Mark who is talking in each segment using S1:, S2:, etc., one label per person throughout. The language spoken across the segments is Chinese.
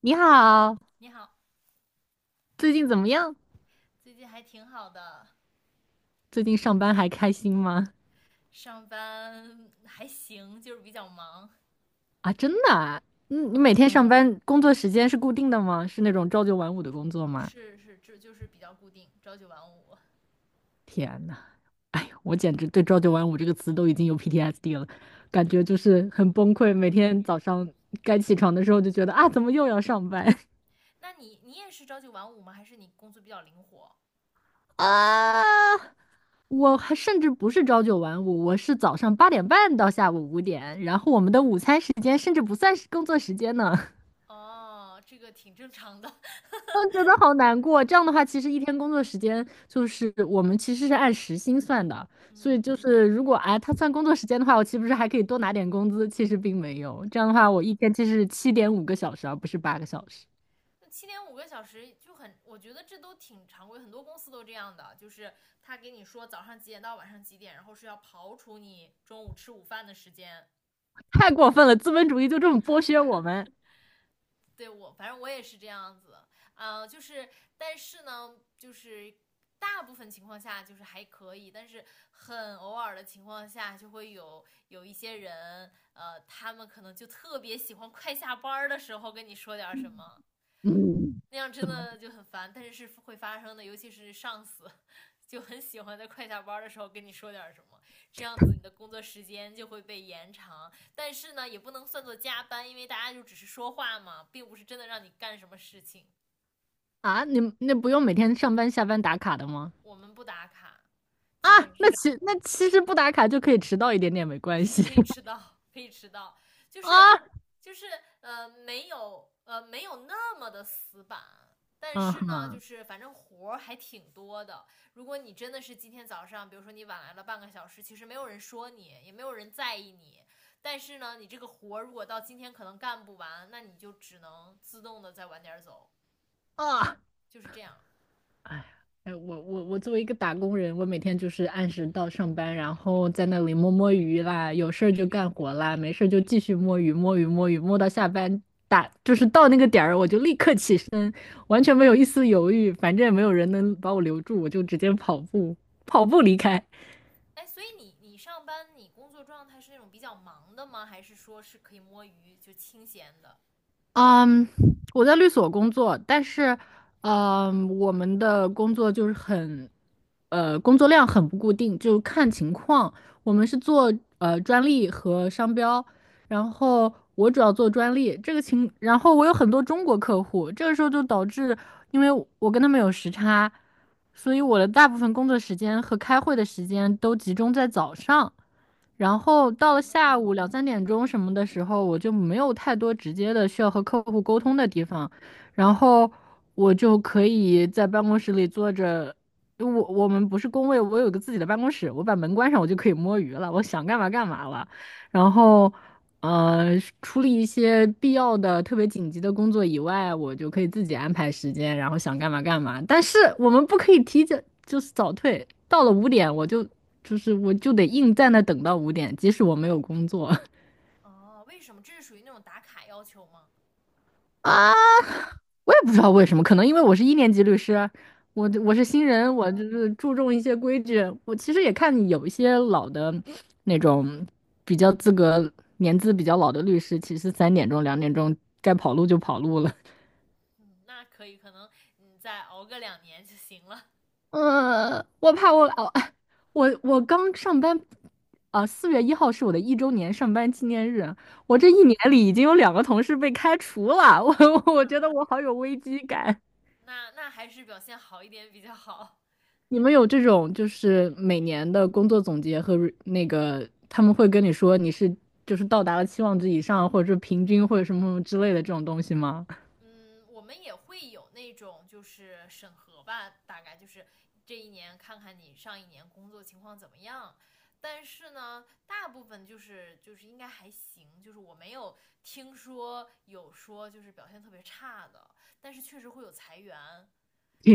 S1: 你好，
S2: 你好，
S1: 最近怎么样？
S2: 最近还挺好的，
S1: 最近上班还开心吗？
S2: 上班还行，就是比较忙。
S1: 啊，真的啊？你每
S2: 嗯，
S1: 天上班工作时间是固定的吗？是那种朝九晚五的工作吗？
S2: 是是，这就是比较固定，朝九晚五。
S1: 天呐，哎呀我简直对"朝九晚五"这个词都已经有 PTSD 了，感觉就是很崩溃。每天早上该起床的时候就觉得啊，怎么又要上班
S2: 那你也是朝九晚五吗？还是你工作比较灵活？
S1: 啊？我还甚至不是朝九晚五，我是早上8:30到下午5点，然后我
S2: 嗯
S1: 们的午餐时间甚至不算是工作时间呢。
S2: 哦，这个挺正常的。
S1: 我觉得好难过。这样的话，其实一天工作时间就是我们其实是按时薪算的，所以
S2: 嗯
S1: 就是如果哎他算工作时间的话，我岂不是还可以多拿点工资？其实并没有。这样的话，
S2: 啊，
S1: 我一天其实是7.5个小时啊，而不是8个小时。
S2: 那7.5个小时就很，我觉得这都挺常规，很多公司都这样的，就是他给你说早上几点到晚上几点，然后是要刨除你中午吃午饭的时间，
S1: 太过分了，资本主义就这么剥削我们。
S2: 对我，反正我也是这样子，就是，但是呢，就是大部分情况下就是还可以，但是很偶尔的情况下，就会有一些人，他们可能就特别喜欢快下班的时候跟你说点什么，
S1: 嗯，
S2: 那样真
S1: 怎么
S2: 的就很烦，但是是会发生的，尤其是上司 就很喜欢在快下班的时候跟你说点什么，这样子你的工作时间就会被延长，但是呢也不能算作加班，因为大家就只是说话嘛，并不是真的让你干什么事情。
S1: 啊？你们那不用每天上班下班打卡的吗？
S2: 我们不打卡，
S1: 啊，
S2: 基本上
S1: 那其实不打卡就可以迟到一点点没关
S2: 是
S1: 系
S2: 可以 迟到，可以迟到，就是
S1: 啊。
S2: 就是没有那么的死板，但
S1: 嗯
S2: 是呢，就
S1: 哼
S2: 是反正活儿还挺多的。如果你真的是今天早上，比如说你晚来了半个小时，其实没有人说你，也没有人在意你，但是呢，你这个活儿如果到今天可能干不完，那你就只能自动的再晚点儿走，
S1: 啊。
S2: 就是这样。
S1: 哎，我作为一个打工人，我每天就是按时到上班，然后在那里摸摸鱼啦，有事儿就干活啦，没事儿就继续摸鱼摸鱼摸鱼，摸到下班就是到那个点儿我就立刻起身，完全没有一丝犹豫，反正也没有人能把我留住，我就直接跑步离开。
S2: 哎，所以你上班你工作状态是那种比较忙的吗？还是说是可以摸鱼就清闲的？
S1: 嗯，我在律所工作，但是，我们的工作就是工作量很不固定，就看情况。我们是做专利和商标，然后我主要做专利，这个情，然后我有很多中国客户，这个时候就导致，因为我跟他们有时差，所以我的大部分工作时间和开会的时间都集中在早上，然后到了
S2: 哦，
S1: 下午两三点钟什么的时候，我就没有太多直接的需要和客户沟通的地方，然后我就可以在办公室里坐着。因为我们不是工位，我有个自己的办公室，我把门关上，我就可以摸鱼了，我想干嘛干嘛了。然后呃，处理一些必要的、特别紧急的工作以外，我就可以自己安排时间，然后想干嘛干嘛。但是我们不可以提前，就是早退。到了五点，我就得硬在那等到五点，即使我没有工作
S2: 哦，为什么？这是属于那种打卡要求吗？
S1: 啊。我也不知道为什么，可能因为我是一年级律师，我是新人，我就是注重一些规矩。我其实也看有一些老的那种比较资格、年资比较老的律师，其实3点钟、2点钟该跑路就跑路了。
S2: 嗯，那可以，可能你再熬个2年就行了。
S1: 我怕我哦，我刚上班，啊，4月1号是我的一周年上班纪念日，我这
S2: 嗯
S1: 一年里已经有2个同事被开除了，我
S2: 啊，
S1: 觉得我好有危机感。
S2: 那还是表现好一点比较好。
S1: 你们有这种就是每年的工作总结和 他们会跟你说你是就是到达了期望值以上，或者是平均或者什么什么之类的这种东西吗？
S2: 嗯，我们也会有那种就是审核吧，大概就是这一年看看你上一年工作情况怎么样。但是呢，大部分就是应该还行，就是我没有听说有说就是表现特别差的，但是确实会有裁员。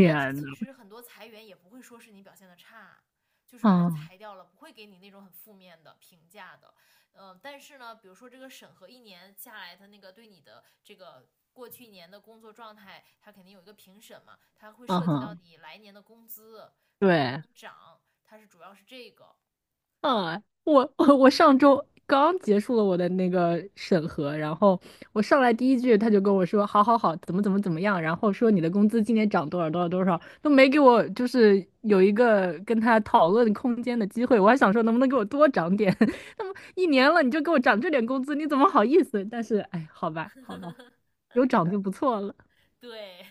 S2: 但是
S1: 呐，
S2: 其实很多裁员也不会说是你表现的差，就是把你
S1: 啊，
S2: 裁掉了，不会给你那种很负面的评价的。嗯，但是呢，比如说这个审核一年下来，他那个对你的这个。过去一年的工作状态，他肯定有一个评审嘛，他会
S1: 啊
S2: 涉及到
S1: 哈
S2: 你来年的工资
S1: 对。
S2: 能涨，它是主要是这个。
S1: 啊，我 我上周刚结束了我的那个审核，然后我上来第一句他就跟我说，好好好，怎么怎么怎么样，然后说你的工资今年涨多少多少多少，都没给我就是有一个跟他讨论空间的机会，我还想说能不能给我多涨点，那么一年了你就给我涨这点工资，你怎么好意思？但是哎，好吧好吧，有涨就不错了，
S2: 对，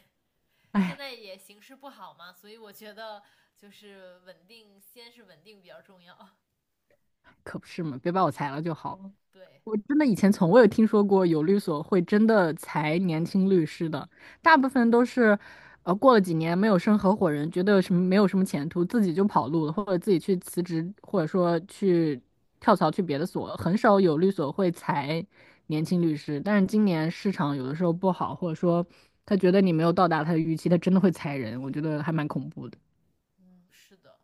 S2: 现
S1: 哎，
S2: 在也形势不好嘛，所以我觉得就是稳定，先是稳定比较重要。
S1: 可不是嘛，别把我裁了就好了。
S2: 对，
S1: 我真的以前从未有听说过有律所会真的裁年轻律师的，大部分都是，过了几年没有升合伙人，觉得什么没有什么前途，自己就跑路了，或者自己去辞职，或者说去跳槽去别的所，很少有律所会裁年轻律师。但是今年市场有的时候不好，或者说他觉得你没有到达他的预期，他真的会裁人，我觉得还蛮恐怖的。
S2: 嗯，是的。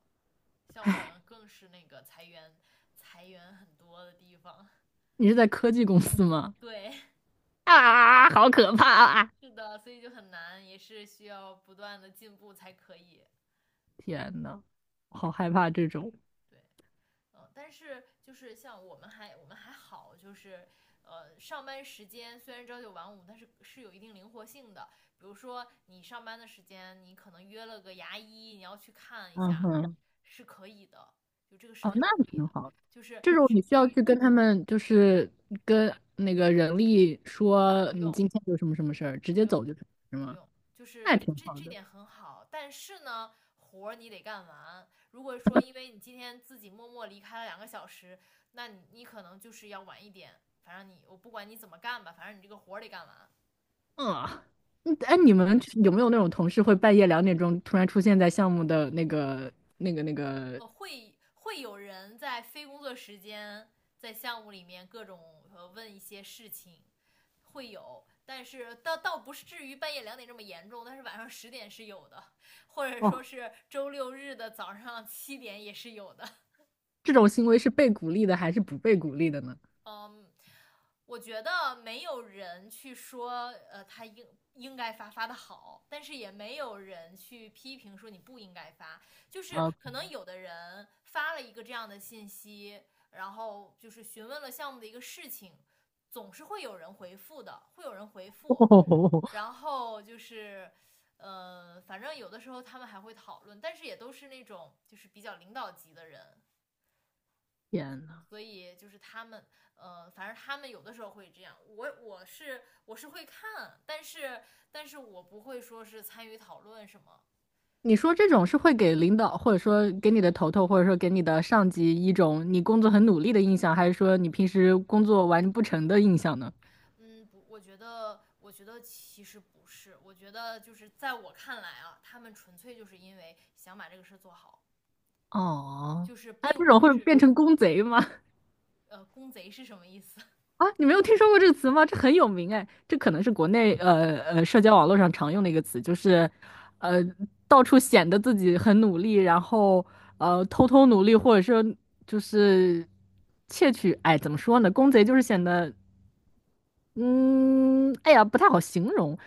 S2: 像我们更是那个裁员很多的地方。
S1: 你是在科技公司吗？
S2: 对，
S1: 啊，好可怕啊！
S2: 是的，所以就很难，也是需要不断的进步才可以。
S1: 天呐，好害怕这种。
S2: 对，嗯，但是就是像我们还好，就是上班时间虽然朝九晚五，但是是有一定灵活性的。比如说你上班的时间，你可能约了个牙医，你要去看一
S1: 嗯
S2: 下，
S1: 哼。
S2: 是可以的，就这个事
S1: 哦，
S2: 情是
S1: 那
S2: 可以
S1: 挺
S2: 的，
S1: 好。
S2: 就是
S1: 这种
S2: 去
S1: 你需
S2: 不
S1: 要
S2: 予
S1: 去跟他们，就是跟那个人力说
S2: 不
S1: 你
S2: 用
S1: 今天有什么什么事儿，直
S2: 不
S1: 接
S2: 用，
S1: 走就是是
S2: 不
S1: 吗？
S2: 用，就
S1: 那
S2: 是
S1: 也挺
S2: 这
S1: 好
S2: 这
S1: 的。
S2: 点很好，但是呢，活儿你得干完。如果说因为你今天自己默默离开了2个小时，那你可能就是要晚一点。反正你我不管你怎么干吧，反正你这个活儿得干完，
S1: 啊，嗯，
S2: 就
S1: 哎，
S2: 是
S1: 你
S2: 这样。
S1: 们有没有那种同事会半夜2点钟突然出现在项目的那个？
S2: 会有人在非工作时间在项目里面各种问一些事情，会有，但是倒不是至于半夜2点这么严重，但是晚上10点是有的，或者说
S1: 哦，
S2: 是周六日的早上七点也是有的。
S1: 这种行为是被鼓励的还是不被鼓励的呢？
S2: 嗯，我觉得没有人去说，他应该发的好，但是也没有人去批评说你不应该发。就是
S1: 啊，
S2: 可能有的人发了一个这样的信息，然后就是询问了项目的一个事情，总是会有人回复的，会有人回 复。
S1: 哦，
S2: 然后就是，反正有的时候他们还会讨论，但是也都是那种就是比较领导级的人。
S1: 天呐！
S2: 所以就是他们，反正他们有的时候会这样。我是会看，但是我不会说是参与讨论什么。
S1: 你说这种是会给领导，或者说给你的头头，或者说给你的上级一种你工作很努力的印象，还是说你平时工作完不成的印象呢？
S2: 嗯，不，我觉得其实不是，我觉得就是在我看来啊，他们纯粹就是因为想把这个事做好，
S1: 哦，
S2: 就是
S1: 那
S2: 并
S1: 这种
S2: 不
S1: 会
S2: 是
S1: 变成 工贼吗？
S2: 公贼是什么意思？
S1: 啊，你没有听说过这个词吗？这很有名哎，这可能是国内社交网络上常用的一个词，就是呃到处显得自己很努力，然后偷偷努力，或者说就是窃取，哎，怎么说呢？工贼就是显得嗯，哎呀，不太好形容，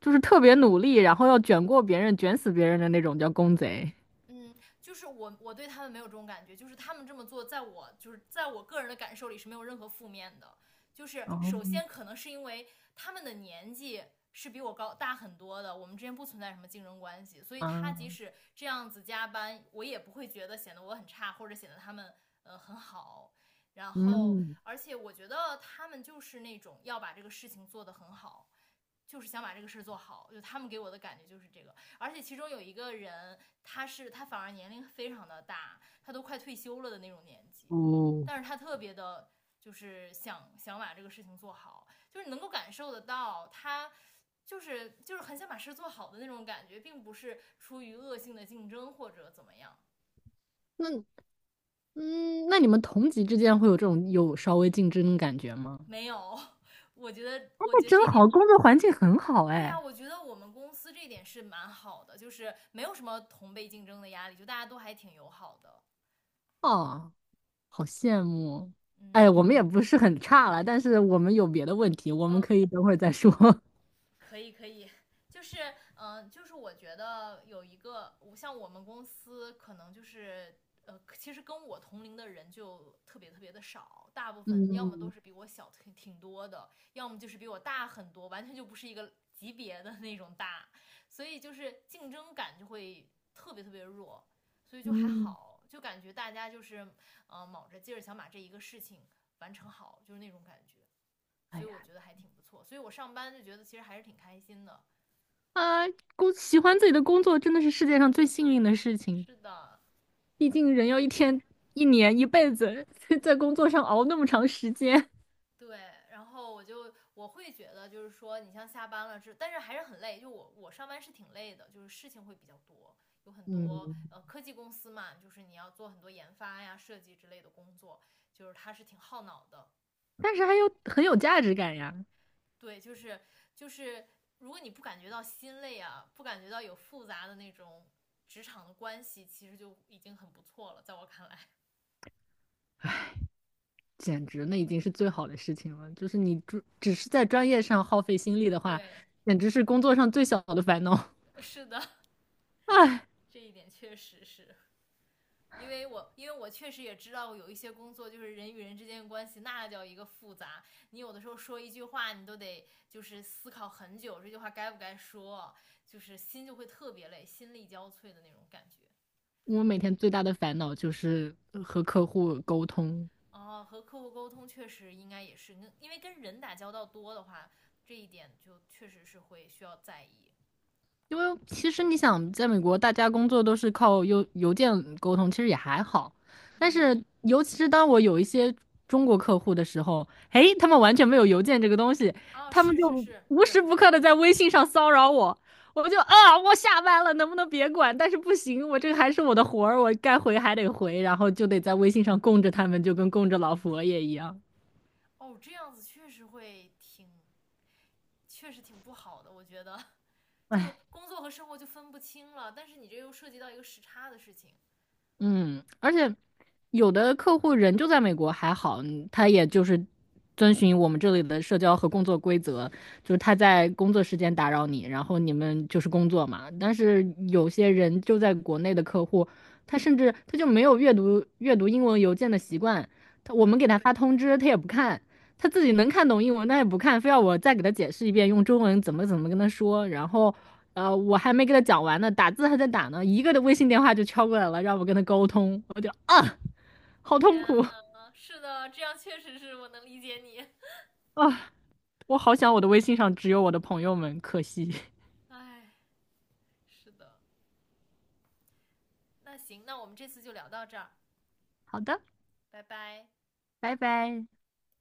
S1: 就是特别努力，然后要卷过别人、卷死别人的那种，叫公贼。
S2: 嗯，就是我对他们没有这种感觉，就是他们这么做，在我就是在我个人的感受里是没有任何负面的。就是首先可能是因为他们的年纪是比我高大很多的，我们之间不存在什么竞争关系，所以他即
S1: 啊，
S2: 使这样子加班，我也不会觉得显得我很差，或者显得他们很好。然后，
S1: 嗯，
S2: 而且我觉得他们就是那种要把这个事情做得很好，就是想把这个事儿做好，就他们给我的感觉就是这个。而且其中有一个人，他反而年龄非常的大，他都快退休了的那种年纪，
S1: 哦，
S2: 但是他特别的，就是想把这个事情做好，就是你能够感受得到他。就是很想把事做好的那种感觉，并不是出于恶性的竞争或者怎么样，
S1: 那那你们同级之间会有这种有稍微竞争的感觉吗？
S2: 没有。我觉得，我
S1: 那
S2: 觉得
S1: 真
S2: 这点
S1: 好，工作环境很好，
S2: 对呀、
S1: 哎。
S2: 我觉得我们公司这点是蛮好的，就是没有什么同辈竞争的压力，就大家都还挺友好的。
S1: 哦，好羡慕。哎，
S2: 嗯，
S1: 我们也不是很差了，但是我们有别的问题，我们
S2: 呃，
S1: 可以等会儿再说。
S2: 可以可以，就是就是我觉得有一个，像我们公司可能就是。其实跟我同龄的人就特别特别的少，大部分要么都
S1: 嗯
S2: 是比我小挺多的，要么就是比我大很多，完全就不是一个级别的那种大，所以就是竞争感就会特别特别弱，所以就还
S1: 嗯，
S2: 好，就感觉大家就是卯着劲儿想把这一个事情完成好，就是那种感觉。
S1: 哎
S2: 所以
S1: 呀，
S2: 我觉得还挺不错。所以我上班就觉得其实还是挺开心的。
S1: 啊，喜欢自己的工作真的是世界上最幸运的事情。
S2: 是的，
S1: 毕竟人要一天、一年、一辈子 在工作上熬那么长时间，
S2: 对。然后我会觉得就是说，你像下班了是，但是还是很累。就我上班是挺累的，就是事情会比较多，有很多
S1: 嗯，
S2: 科技公司嘛，就是你要做很多研发呀、设计之类的工作，就是它是挺耗脑的。
S1: 但是还有很有价值感呀，
S2: 对，就是，如果你不感觉到心累啊，不感觉到有复杂的那种职场的关系，其实就已经很不错了，在我看来。
S1: 简直那已经是最好的事情了。就是你只是在专业上耗费心力的 话，
S2: 对，
S1: 简直是工作上最小的烦恼。
S2: 是的，
S1: 唉，
S2: 这一点确实是因为我确实也知道有一些工作就是人与人之间的关系，那叫一个复杂。你有的时候说一句话，你都得就是思考很久，这句话该不该说，就是心就会特别累，心力交瘁的那种感觉。
S1: 我每天最大的烦恼就是和客户沟通，
S2: 哦，和客户沟通确实应该也是因为跟人打交道多的话，这一点就确实是会需要在意。
S1: 因为其实你想，在美国大家工作都是靠邮件沟通，其实也还好。但
S2: 嗯，
S1: 是，尤其是当我有一些中国客户的时候，诶，他们完全没有邮件这个东西，
S2: 哦，
S1: 他们
S2: 是是
S1: 就
S2: 是，
S1: 无时
S2: 确
S1: 不
S2: 实，
S1: 刻的在微信上骚扰我，我就啊，我下班了，能不能别管？但是不行，我这个还是我的活儿，我该回还得回，然后就得在微信上供着他们，就跟供着老佛爷一样。
S2: 哦，这样子确实会挺，确实挺不好的，我觉得。就工作和生活就分不清了。但是你这又涉及到一个时差的事情。
S1: 嗯，而且有的客户人就在美国还好，他也就是遵循我们这里的社交和工作规则，就是他在工作时间打扰你，然后你们就是工作嘛。但是有些人就在国内的客户，他甚至他就没有阅读英文邮件的习惯，他我
S2: 对，
S1: 们给他发通知，他也不看，他自己能看懂英文，他也不看，非要我再给他解释一遍，用中文怎么怎么跟他说，然后。我还没给他讲完呢，打字还在打呢，一个的微信电话就敲过来了，让我跟他沟通，我就啊，好
S2: 天
S1: 痛苦
S2: 呐，是的，这样确实是我能理解你。
S1: 啊，我好想我的微信上只有我的朋友们，可惜。
S2: 哎，是的。那行，那我们这次就聊到这儿，
S1: 好的，
S2: 拜拜。
S1: 拜拜。